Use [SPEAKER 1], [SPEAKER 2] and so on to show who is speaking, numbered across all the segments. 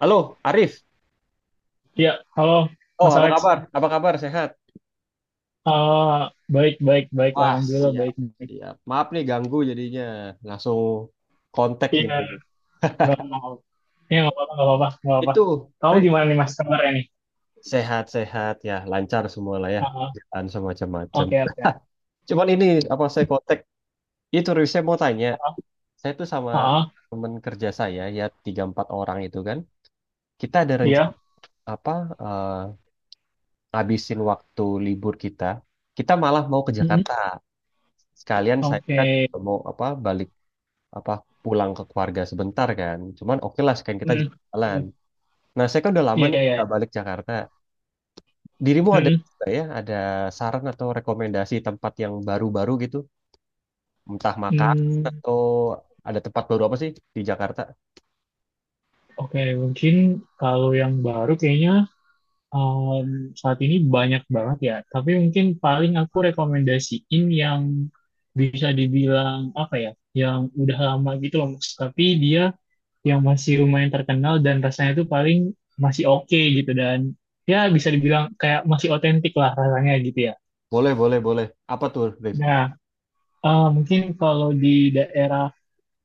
[SPEAKER 1] Halo, Arif.
[SPEAKER 2] Iya, halo
[SPEAKER 1] Oh,
[SPEAKER 2] Mas
[SPEAKER 1] apa
[SPEAKER 2] Alex.
[SPEAKER 1] kabar? Apa kabar? Sehat?
[SPEAKER 2] Ah, Baik, baik, baik.
[SPEAKER 1] Wah,
[SPEAKER 2] Alhamdulillah
[SPEAKER 1] siap.
[SPEAKER 2] baik. Baik.
[SPEAKER 1] Siap. Maaf nih ganggu jadinya. Langsung kontak
[SPEAKER 2] Iya,
[SPEAKER 1] ini.
[SPEAKER 2] nggak apa-apa. Iya, nggak apa-apa, nggak apa-apa, nggak apa-apa.
[SPEAKER 1] Itu,
[SPEAKER 2] Kamu
[SPEAKER 1] Arif.
[SPEAKER 2] gimana nih Mas kabarnya nih?
[SPEAKER 1] Sehat-sehat ya, lancar semua lah ya.
[SPEAKER 2] Ah,
[SPEAKER 1] Kerjaan semacam macam.
[SPEAKER 2] oke, oke.
[SPEAKER 1] Cuman ini apa saya kontak? Itu Rif, saya mau tanya.
[SPEAKER 2] Ah,
[SPEAKER 1] Saya tuh sama
[SPEAKER 2] ah,
[SPEAKER 1] temen kerja saya ya tiga empat orang itu kan. Kita ada rencana
[SPEAKER 2] iya.
[SPEAKER 1] apa? eh, Ngabisin waktu libur kita. Kita malah mau ke
[SPEAKER 2] Mm-mm.
[SPEAKER 1] Jakarta. Sekalian saya kan
[SPEAKER 2] Oke.
[SPEAKER 1] mau apa? Balik apa pulang ke keluarga sebentar kan. Cuman oke lah sekalian kita
[SPEAKER 2] Mm,
[SPEAKER 1] jalan. Nah, saya kan udah lama
[SPEAKER 2] Iya,
[SPEAKER 1] nih
[SPEAKER 2] iya, iya.
[SPEAKER 1] nggak balik Jakarta. Dirimu ada
[SPEAKER 2] Mm-mm.
[SPEAKER 1] nggak ya ada saran atau rekomendasi tempat yang baru-baru gitu, entah makan
[SPEAKER 2] Mm,
[SPEAKER 1] atau ada tempat baru apa sih di Jakarta?
[SPEAKER 2] Oke, mungkin kalau yang baru kayaknya Um, saat ini banyak banget ya, tapi mungkin paling aku rekomendasiin yang bisa dibilang apa ya, yang udah lama gitu loh, Mas. Tapi dia yang masih lumayan terkenal dan rasanya tuh paling masih oke gitu dan ya bisa dibilang kayak masih otentik lah rasanya gitu ya.
[SPEAKER 1] Boleh, boleh, boleh. Apa tuh, Rif?
[SPEAKER 2] Nah, mungkin kalau di daerah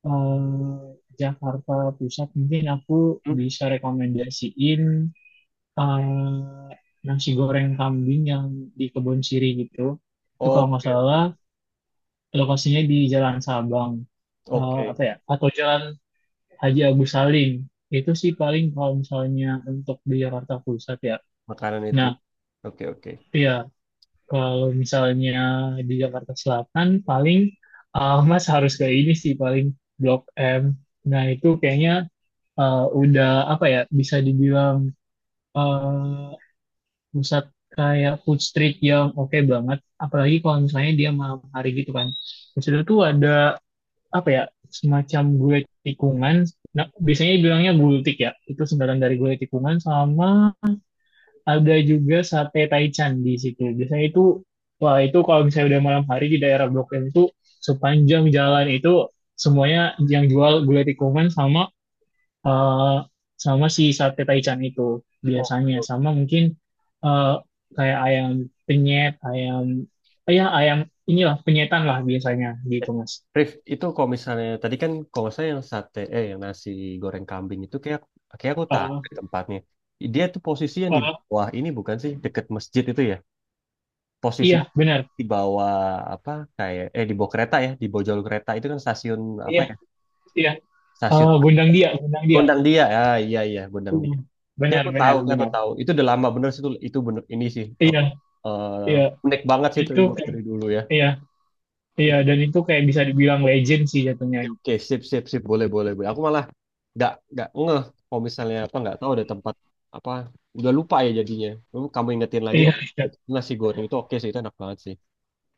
[SPEAKER 2] eh, Jakarta Pusat mungkin aku
[SPEAKER 1] Hmm?
[SPEAKER 2] bisa rekomendasiin eh, nasi goreng kambing yang di Kebon Siri gitu. Itu kalau nggak
[SPEAKER 1] Oke, oke.
[SPEAKER 2] salah lokasinya di Jalan Sabang,
[SPEAKER 1] Oke,
[SPEAKER 2] apa ya? Atau Jalan Haji Agus Salim. Itu sih paling kalau misalnya untuk di Jakarta Pusat ya.
[SPEAKER 1] makanan itu,
[SPEAKER 2] Nah,
[SPEAKER 1] ya. Oke, oke.
[SPEAKER 2] iya kalau misalnya di Jakarta Selatan paling Mas harus ke ini sih paling Blok M. Nah, itu kayaknya udah apa ya? Bisa dibilang eh, pusat kayak food street yang oke banget apalagi kalau misalnya dia malam hari gitu kan terus itu tuh ada apa ya semacam gulai tikungan nah biasanya bilangnya gultik ya itu singkatan dari gulai tikungan sama ada juga sate taichan di situ biasanya itu wah itu kalau misalnya udah malam hari di daerah Blok M itu sepanjang jalan itu semuanya yang jual gulai tikungan sama eh, sama si sate taichan itu
[SPEAKER 1] Oh.
[SPEAKER 2] biasanya sama mungkin eh, kayak ayam penyet, ayam ya ayam inilah penyetan lah biasanya
[SPEAKER 1] Eh,
[SPEAKER 2] gitu Mas.
[SPEAKER 1] Rif, itu kalau misalnya tadi kan kalau saya yang sate eh yang nasi goreng kambing itu kayak kayak aku tahu
[SPEAKER 2] Eh,
[SPEAKER 1] deh tempatnya. Dia tuh posisi yang di
[SPEAKER 2] eh,
[SPEAKER 1] bawah ini bukan sih deket masjid itu ya? Posisi
[SPEAKER 2] iya benar.
[SPEAKER 1] di bawah apa kayak di bawah kereta ya, di bawah jalur kereta itu kan stasiun apa
[SPEAKER 2] Iya,
[SPEAKER 1] ya?
[SPEAKER 2] iya.
[SPEAKER 1] Stasiun
[SPEAKER 2] Gondang Dia, Gondang Dia.
[SPEAKER 1] Gondang Dia. Ya, iya iya Gondang
[SPEAKER 2] Iya,
[SPEAKER 1] Dia. Kayak
[SPEAKER 2] benar,
[SPEAKER 1] aku tahu,
[SPEAKER 2] benar,
[SPEAKER 1] kayak aku
[SPEAKER 2] benar.
[SPEAKER 1] tahu. Itu udah lama bener sih itu bener ini sih
[SPEAKER 2] Iya, iya.
[SPEAKER 1] unik banget sih itu
[SPEAKER 2] Itu
[SPEAKER 1] emang dari dulu ya.
[SPEAKER 2] iya, iya
[SPEAKER 1] Itu.
[SPEAKER 2] dan itu kayak bisa dibilang legend sih jatuhnya gitu.
[SPEAKER 1] Oke, sip, sip, sip, boleh, boleh, boleh. Aku malah nggak ngeh kalau misalnya apa nggak tahu ada tempat apa udah lupa ya jadinya. Lalu kamu ingetin lagi
[SPEAKER 2] Iya,
[SPEAKER 1] oh,
[SPEAKER 2] iya.
[SPEAKER 1] nasi goreng itu oke sih itu enak banget sih.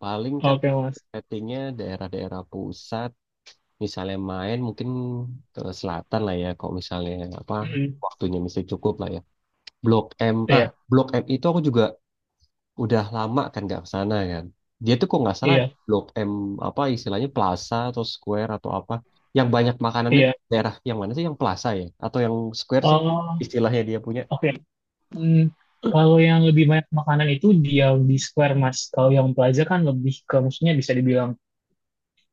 [SPEAKER 1] Paling kan
[SPEAKER 2] Oke, Mas.
[SPEAKER 1] settingnya daerah-daerah pusat, misalnya main mungkin ke selatan lah ya. Kalau misalnya apa
[SPEAKER 2] Mm,
[SPEAKER 1] waktunya mesti cukup lah ya. Blok M, ah
[SPEAKER 2] Iya,
[SPEAKER 1] Blok M itu aku juga udah lama kan nggak ke sana kan. Dia tuh kok nggak salah di
[SPEAKER 2] iya,
[SPEAKER 1] Blok M apa istilahnya Plaza atau Square atau apa yang banyak makanannya di
[SPEAKER 2] iya.
[SPEAKER 1] daerah yang mana sih yang Plaza ya atau yang Square sih
[SPEAKER 2] Oh,
[SPEAKER 1] istilahnya dia punya.
[SPEAKER 2] oke. Hmm, kalau yang lebih banyak makanan itu di yang di Square Mas. Kalau yang Plaza kan lebih ke maksudnya bisa dibilang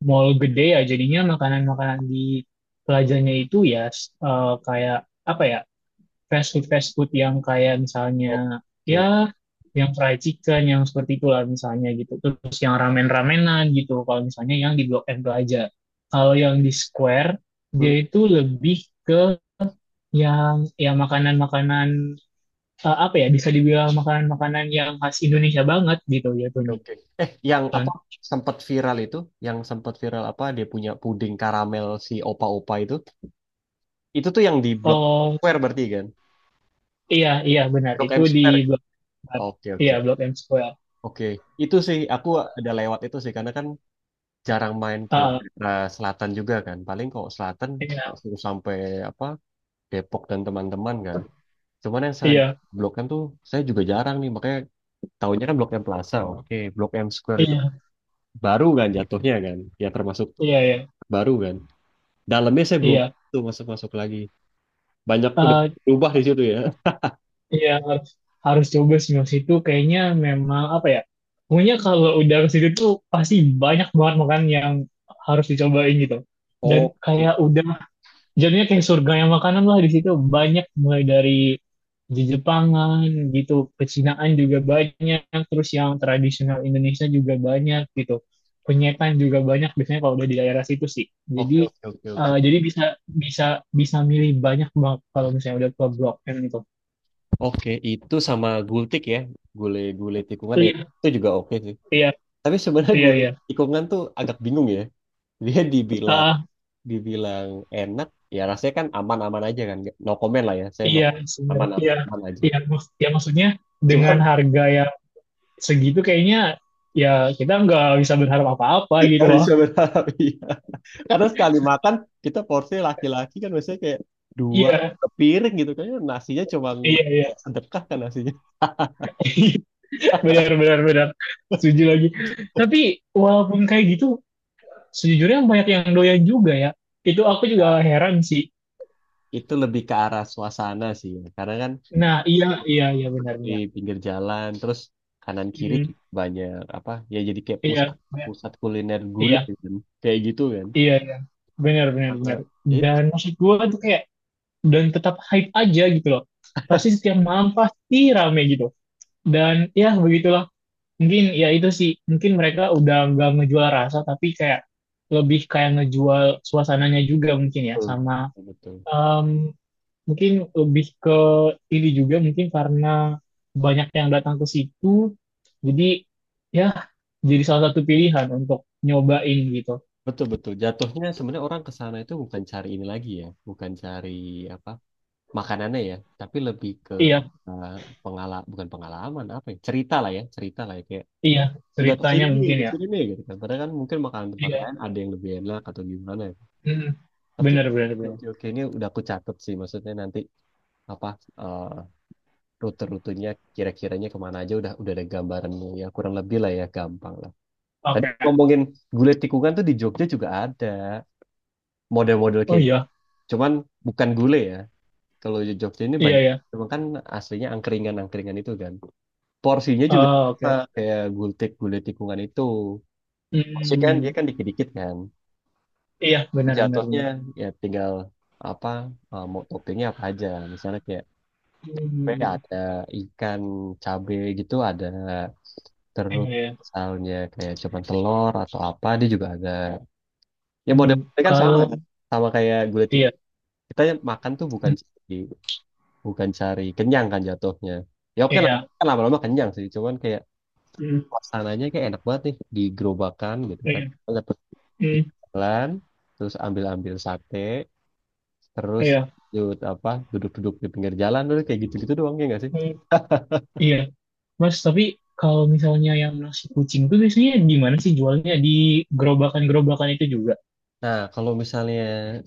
[SPEAKER 2] mall gede ya. Jadinya makanan-makanan di Plazanya itu ya kayak apa ya fast food yang kayak
[SPEAKER 1] Oke,
[SPEAKER 2] misalnya
[SPEAKER 1] oke.
[SPEAKER 2] ya yang fried chicken yang seperti itulah misalnya gitu. Terus yang ramen-ramenan gitu. Kalau misalnya yang di Blok M Plaza. Kalau yang di Square dia
[SPEAKER 1] Hmm,
[SPEAKER 2] itu lebih ke yang ya makanan-makanan apa ya bisa dibilang makanan-makanan yang khas Indonesia banget gitu jatuhnya.
[SPEAKER 1] oke. Yang apa
[SPEAKER 2] Con-
[SPEAKER 1] sempat viral itu yang sempat viral apa dia punya puding karamel si opa-opa itu tuh yang di Blok
[SPEAKER 2] Oh
[SPEAKER 1] Square berarti kan.
[SPEAKER 2] iya, iya benar
[SPEAKER 1] Blok
[SPEAKER 2] itu
[SPEAKER 1] M
[SPEAKER 2] di
[SPEAKER 1] Square.
[SPEAKER 2] Blok M.
[SPEAKER 1] Oke,
[SPEAKER 2] Iya
[SPEAKER 1] oke.
[SPEAKER 2] Blok M Square.
[SPEAKER 1] Oke, itu sih aku ada lewat itu sih karena kan jarang main ke
[SPEAKER 2] Ah,
[SPEAKER 1] daerah selatan juga kan. Paling kalau selatan
[SPEAKER 2] iya,
[SPEAKER 1] langsung sampai apa Depok dan teman-teman kan. Cuman yang saya
[SPEAKER 2] iya,
[SPEAKER 1] Blok M tuh saya juga jarang nih makanya tahunya kan Blok M Plaza. Oke, Blok M Square itu
[SPEAKER 2] iya,
[SPEAKER 1] baru kan jatuhnya kan. Ya termasuk
[SPEAKER 2] iya, iya,
[SPEAKER 1] baru kan. Dalamnya saya belum
[SPEAKER 2] iya.
[SPEAKER 1] tuh masuk-masuk lagi. Banyak udah
[SPEAKER 2] Eh,
[SPEAKER 1] berubah di situ ya.
[SPEAKER 2] iya harus, harus coba sih Mas. Itu kayaknya memang apa ya? Pokoknya kalau udah ke situ tuh pasti banyak banget makanan yang harus dicobain gitu. Dan
[SPEAKER 1] Oke.
[SPEAKER 2] kayak udah. Jadinya kayak surga yang makanan lah di situ banyak mulai dari Jepangan gitu, pecinaan juga banyak, terus yang tradisional Indonesia juga banyak gitu, penyetan juga banyak biasanya kalau udah di daerah situ sih. Jadi
[SPEAKER 1] Oke, oke, oke, oke.
[SPEAKER 2] jadi bisa bisa bisa milih banyak banget kalau misalnya udah ke Blok M gitu. Itu.
[SPEAKER 1] Oke, itu sama gultik ya. Gulai-gulai tikungan ya,
[SPEAKER 2] Iya,
[SPEAKER 1] itu juga oke sih.
[SPEAKER 2] iya,
[SPEAKER 1] Tapi sebenarnya
[SPEAKER 2] iya,
[SPEAKER 1] gulai
[SPEAKER 2] iya.
[SPEAKER 1] tikungan tuh agak bingung ya. Dia dibilang
[SPEAKER 2] Ah,
[SPEAKER 1] dibilang enak ya rasanya kan aman-aman aja kan. No comment lah ya saya no
[SPEAKER 2] iya
[SPEAKER 1] comment.
[SPEAKER 2] sebenarnya
[SPEAKER 1] aman-aman
[SPEAKER 2] iya
[SPEAKER 1] aman aja
[SPEAKER 2] iya ya maksudnya dengan
[SPEAKER 1] cuman
[SPEAKER 2] harga yang segitu kayaknya ya kita nggak bisa berharap apa-apa gitu
[SPEAKER 1] nggak
[SPEAKER 2] loh.
[SPEAKER 1] bisa berharap iya karena sekali makan kita porsi laki-laki kan biasanya kayak dua
[SPEAKER 2] Iya.
[SPEAKER 1] piring gitu kayaknya nasinya cuma
[SPEAKER 2] Iya, iya.
[SPEAKER 1] kayak sedekah kan nasinya
[SPEAKER 2] Benar, benar, benar. Setuju lagi. Tapi walaupun kayak gitu, sejujurnya banyak yang doyan juga ya. Itu aku juga heran sih.
[SPEAKER 1] itu lebih ke arah suasana sih ya. Karena kan
[SPEAKER 2] Nah, iya, iya, iya, benar,
[SPEAKER 1] duduk di
[SPEAKER 2] benar.
[SPEAKER 1] pinggir jalan terus kanan kiri
[SPEAKER 2] Hmm,
[SPEAKER 1] juga banyak apa ya jadi kayak
[SPEAKER 2] iya,
[SPEAKER 1] pusat
[SPEAKER 2] iya,
[SPEAKER 1] pusat kuliner
[SPEAKER 2] iya,
[SPEAKER 1] gulai kan kayak gitu kan.
[SPEAKER 2] iya, iya. Benar, benar, benar.
[SPEAKER 1] Eh, itu
[SPEAKER 2] Dan maksud gue tuh kayak, dan tetap hype aja gitu loh. Pasti setiap malam pasti rame gitu. Dan ya begitulah. Mungkin ya itu sih, mungkin mereka udah nggak ngejual rasa, tapi kayak lebih kayak ngejual suasananya juga mungkin ya, sama
[SPEAKER 1] betul.
[SPEAKER 2] Em, mungkin lebih ke ini juga mungkin karena banyak yang datang ke situ, jadi ya jadi salah satu pilihan untuk nyobain gitu.
[SPEAKER 1] Betul, betul. Jatuhnya sebenarnya orang ke sana itu bukan cari ini lagi ya, bukan cari apa makanannya ya, tapi lebih ke
[SPEAKER 2] Iya,
[SPEAKER 1] pengalaman bukan pengalaman apa ya, cerita lah ya, cerita lah ya kayak
[SPEAKER 2] iya
[SPEAKER 1] sudah
[SPEAKER 2] ceritanya mungkin
[SPEAKER 1] ke
[SPEAKER 2] ya.
[SPEAKER 1] sini nih gitu kan. Padahal kan mungkin makanan tempat
[SPEAKER 2] Iya,
[SPEAKER 1] lain ada yang lebih enak atau gimana, ya.
[SPEAKER 2] mm,
[SPEAKER 1] Tapi
[SPEAKER 2] bener bener
[SPEAKER 1] oke,
[SPEAKER 2] bener.
[SPEAKER 1] oke, oke, ini udah aku catat sih maksudnya nanti apa eh, rute-rutenya kira-kiranya kemana aja udah ada gambarannya ya kurang lebih lah ya gampang lah. Tadi
[SPEAKER 2] Oke.
[SPEAKER 1] ngomongin gulai tikungan tuh di Jogja juga ada model-model
[SPEAKER 2] Oh
[SPEAKER 1] kayak.
[SPEAKER 2] iya,
[SPEAKER 1] Cuman bukan gulai ya. Kalau di Jogja ini
[SPEAKER 2] iya
[SPEAKER 1] banyak.
[SPEAKER 2] ya.
[SPEAKER 1] Cuman kan aslinya angkringan-angkringan itu kan. Porsinya juga
[SPEAKER 2] Oh,
[SPEAKER 1] sama,
[SPEAKER 2] oke.
[SPEAKER 1] kayak gultik, gulai tikungan itu. Porsi kan dia
[SPEAKER 2] Hmm,
[SPEAKER 1] kan dikit-dikit kan.
[SPEAKER 2] iya benar benar
[SPEAKER 1] Jatuhnya
[SPEAKER 2] benar.
[SPEAKER 1] ya tinggal apa mau toppingnya apa aja. Misalnya kayak kayak
[SPEAKER 2] Hmm,
[SPEAKER 1] ada ikan cabe gitu ada
[SPEAKER 2] iya.
[SPEAKER 1] terus
[SPEAKER 2] Iya.
[SPEAKER 1] misalnya kayak cuman telur atau apa dia juga ada. Ya model
[SPEAKER 2] Hmm, kalau
[SPEAKER 1] kan. Sama kayak gulai
[SPEAKER 2] iya,
[SPEAKER 1] tikungan. Kita makan tuh
[SPEAKER 2] hmm,
[SPEAKER 1] bukan sih, bukan cari kenyang kan jatuhnya ya oke lah
[SPEAKER 2] iya,
[SPEAKER 1] kan lama-lama kenyang sih cuman kayak
[SPEAKER 2] hmm,
[SPEAKER 1] suasananya kayak enak banget nih di gerobakan gitu kan
[SPEAKER 2] iya,
[SPEAKER 1] dapet di
[SPEAKER 2] hmm,
[SPEAKER 1] jalan terus ambil-ambil sate terus
[SPEAKER 2] iya.
[SPEAKER 1] duduk-duduk di pinggir jalan terus kayak gitu-gitu doang ya nggak sih.
[SPEAKER 2] Mm. Iya, Mas, tapi kalau misalnya yang nasi kucing tuh biasanya di mana sih jualnya? Di gerobakan-gerobakan itu juga.
[SPEAKER 1] Nah, kalau misalnya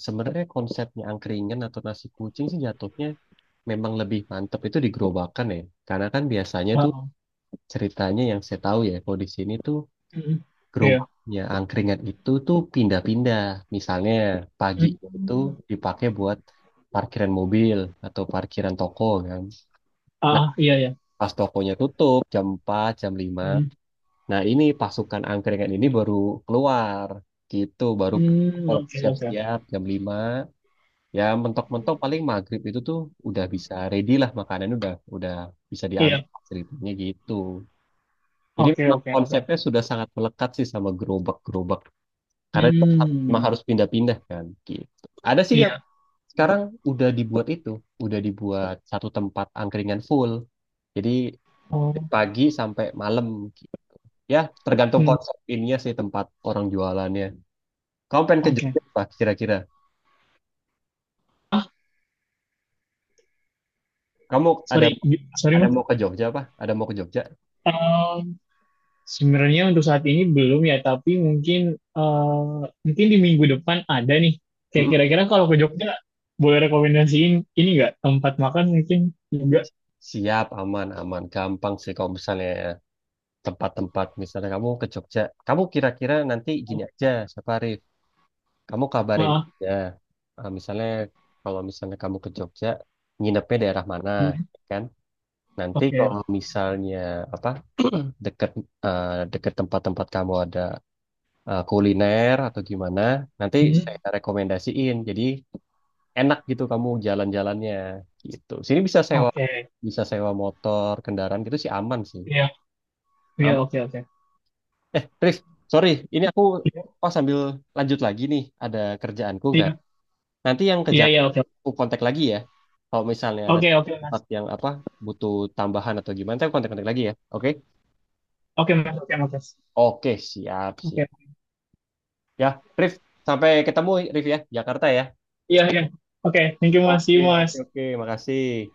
[SPEAKER 1] sebenarnya konsepnya angkringan atau nasi kucing sih jatuhnya memang lebih mantep itu di gerobakan ya. Karena kan biasanya tuh
[SPEAKER 2] Wow.
[SPEAKER 1] ceritanya yang saya tahu ya, kalau di sini tuh
[SPEAKER 2] Mm, iya.
[SPEAKER 1] gerobaknya angkringan itu tuh pindah-pindah. Misalnya pagi itu
[SPEAKER 2] Mm.
[SPEAKER 1] dipakai buat parkiran mobil atau parkiran toko kan. Nah,
[SPEAKER 2] Iya, iya.
[SPEAKER 1] pas tokonya tutup jam 4 jam 5.
[SPEAKER 2] Mm.
[SPEAKER 1] Nah, ini pasukan angkringan ini baru keluar gitu, baru
[SPEAKER 2] Mm, oke, oke.
[SPEAKER 1] siap-siap jam 5. Ya, mentok-mentok paling maghrib itu tuh udah bisa ready lah makanannya udah bisa diambil
[SPEAKER 2] Iya,
[SPEAKER 1] ceritanya gitu. Jadi
[SPEAKER 2] oke,
[SPEAKER 1] memang
[SPEAKER 2] oke, oke.
[SPEAKER 1] konsepnya sudah sangat melekat sih sama gerobak-gerobak. Karena itu memang
[SPEAKER 2] Hmm,
[SPEAKER 1] harus pindah-pindah kan gitu. Ada sih yang
[SPEAKER 2] iya.
[SPEAKER 1] sekarang udah dibuat itu, udah dibuat satu tempat angkringan full. Jadi dari
[SPEAKER 2] Oh,
[SPEAKER 1] pagi sampai malam gitu. Ya, tergantung
[SPEAKER 2] hmm,
[SPEAKER 1] konsep ininya sih tempat orang jualannya. Kamu pengen ke
[SPEAKER 2] oke.
[SPEAKER 1] Jogja apa kira-kira?
[SPEAKER 2] Ah,
[SPEAKER 1] Kamu ada
[SPEAKER 2] Sorry, sorry
[SPEAKER 1] ada
[SPEAKER 2] Mas.
[SPEAKER 1] mau ke Jogja apa? Ada mau ke Jogja?
[SPEAKER 2] Eh, Sebenarnya untuk saat ini belum ya, tapi mungkin eh, mungkin di minggu depan ada nih. Kayak
[SPEAKER 1] Mm-mm.
[SPEAKER 2] kira-kira kalau ke Jogja boleh rekomendasiin ini nggak tempat makan mungkin juga.
[SPEAKER 1] Siap, aman, aman. Gampang sih kalau misalnya tempat-tempat misalnya kamu ke Jogja. Kamu kira-kira nanti
[SPEAKER 2] Oh,
[SPEAKER 1] gini aja, Safari. Kamu kabarin
[SPEAKER 2] maaf.
[SPEAKER 1] aja. Eh, misalnya Kalau misalnya kamu ke Jogja, nginepnya daerah mana,
[SPEAKER 2] Hmm,
[SPEAKER 1] kan? Nanti
[SPEAKER 2] oke.
[SPEAKER 1] kalau misalnya apa deket deket tempat-tempat kamu ada kuliner atau gimana, nanti
[SPEAKER 2] Hmm,
[SPEAKER 1] saya rekomendasiin. Jadi enak gitu kamu jalan-jalannya gitu. Sini bisa sewa
[SPEAKER 2] oke.
[SPEAKER 1] bisa sewa motor, kendaraan gitu sih aman sih.
[SPEAKER 2] Iya, iya
[SPEAKER 1] Aman.
[SPEAKER 2] oke oke.
[SPEAKER 1] Eh, Rif, sorry, ini aku
[SPEAKER 2] Iya,
[SPEAKER 1] oh sambil lanjut lagi nih ada kerjaanku nggak?
[SPEAKER 2] iya,
[SPEAKER 1] Nanti yang ke
[SPEAKER 2] iya iya,
[SPEAKER 1] Jakarta
[SPEAKER 2] oke.
[SPEAKER 1] aku kontak lagi ya. Kalau misalnya ada
[SPEAKER 2] Oke oke Mas.
[SPEAKER 1] tempat yang apa butuh tambahan atau gimana, saya kontak-kontak lagi ya. Oke?
[SPEAKER 2] Oke Mas, oke Mas.
[SPEAKER 1] Oke, siap, siap.
[SPEAKER 2] Oke.
[SPEAKER 1] Ya, Rif, sampai ketemu Rif ya, Jakarta ya.
[SPEAKER 2] Iya iya. Oke, thank you Mas. See
[SPEAKER 1] Oke,
[SPEAKER 2] you
[SPEAKER 1] oke,
[SPEAKER 2] Mas.
[SPEAKER 1] oke. Makasih.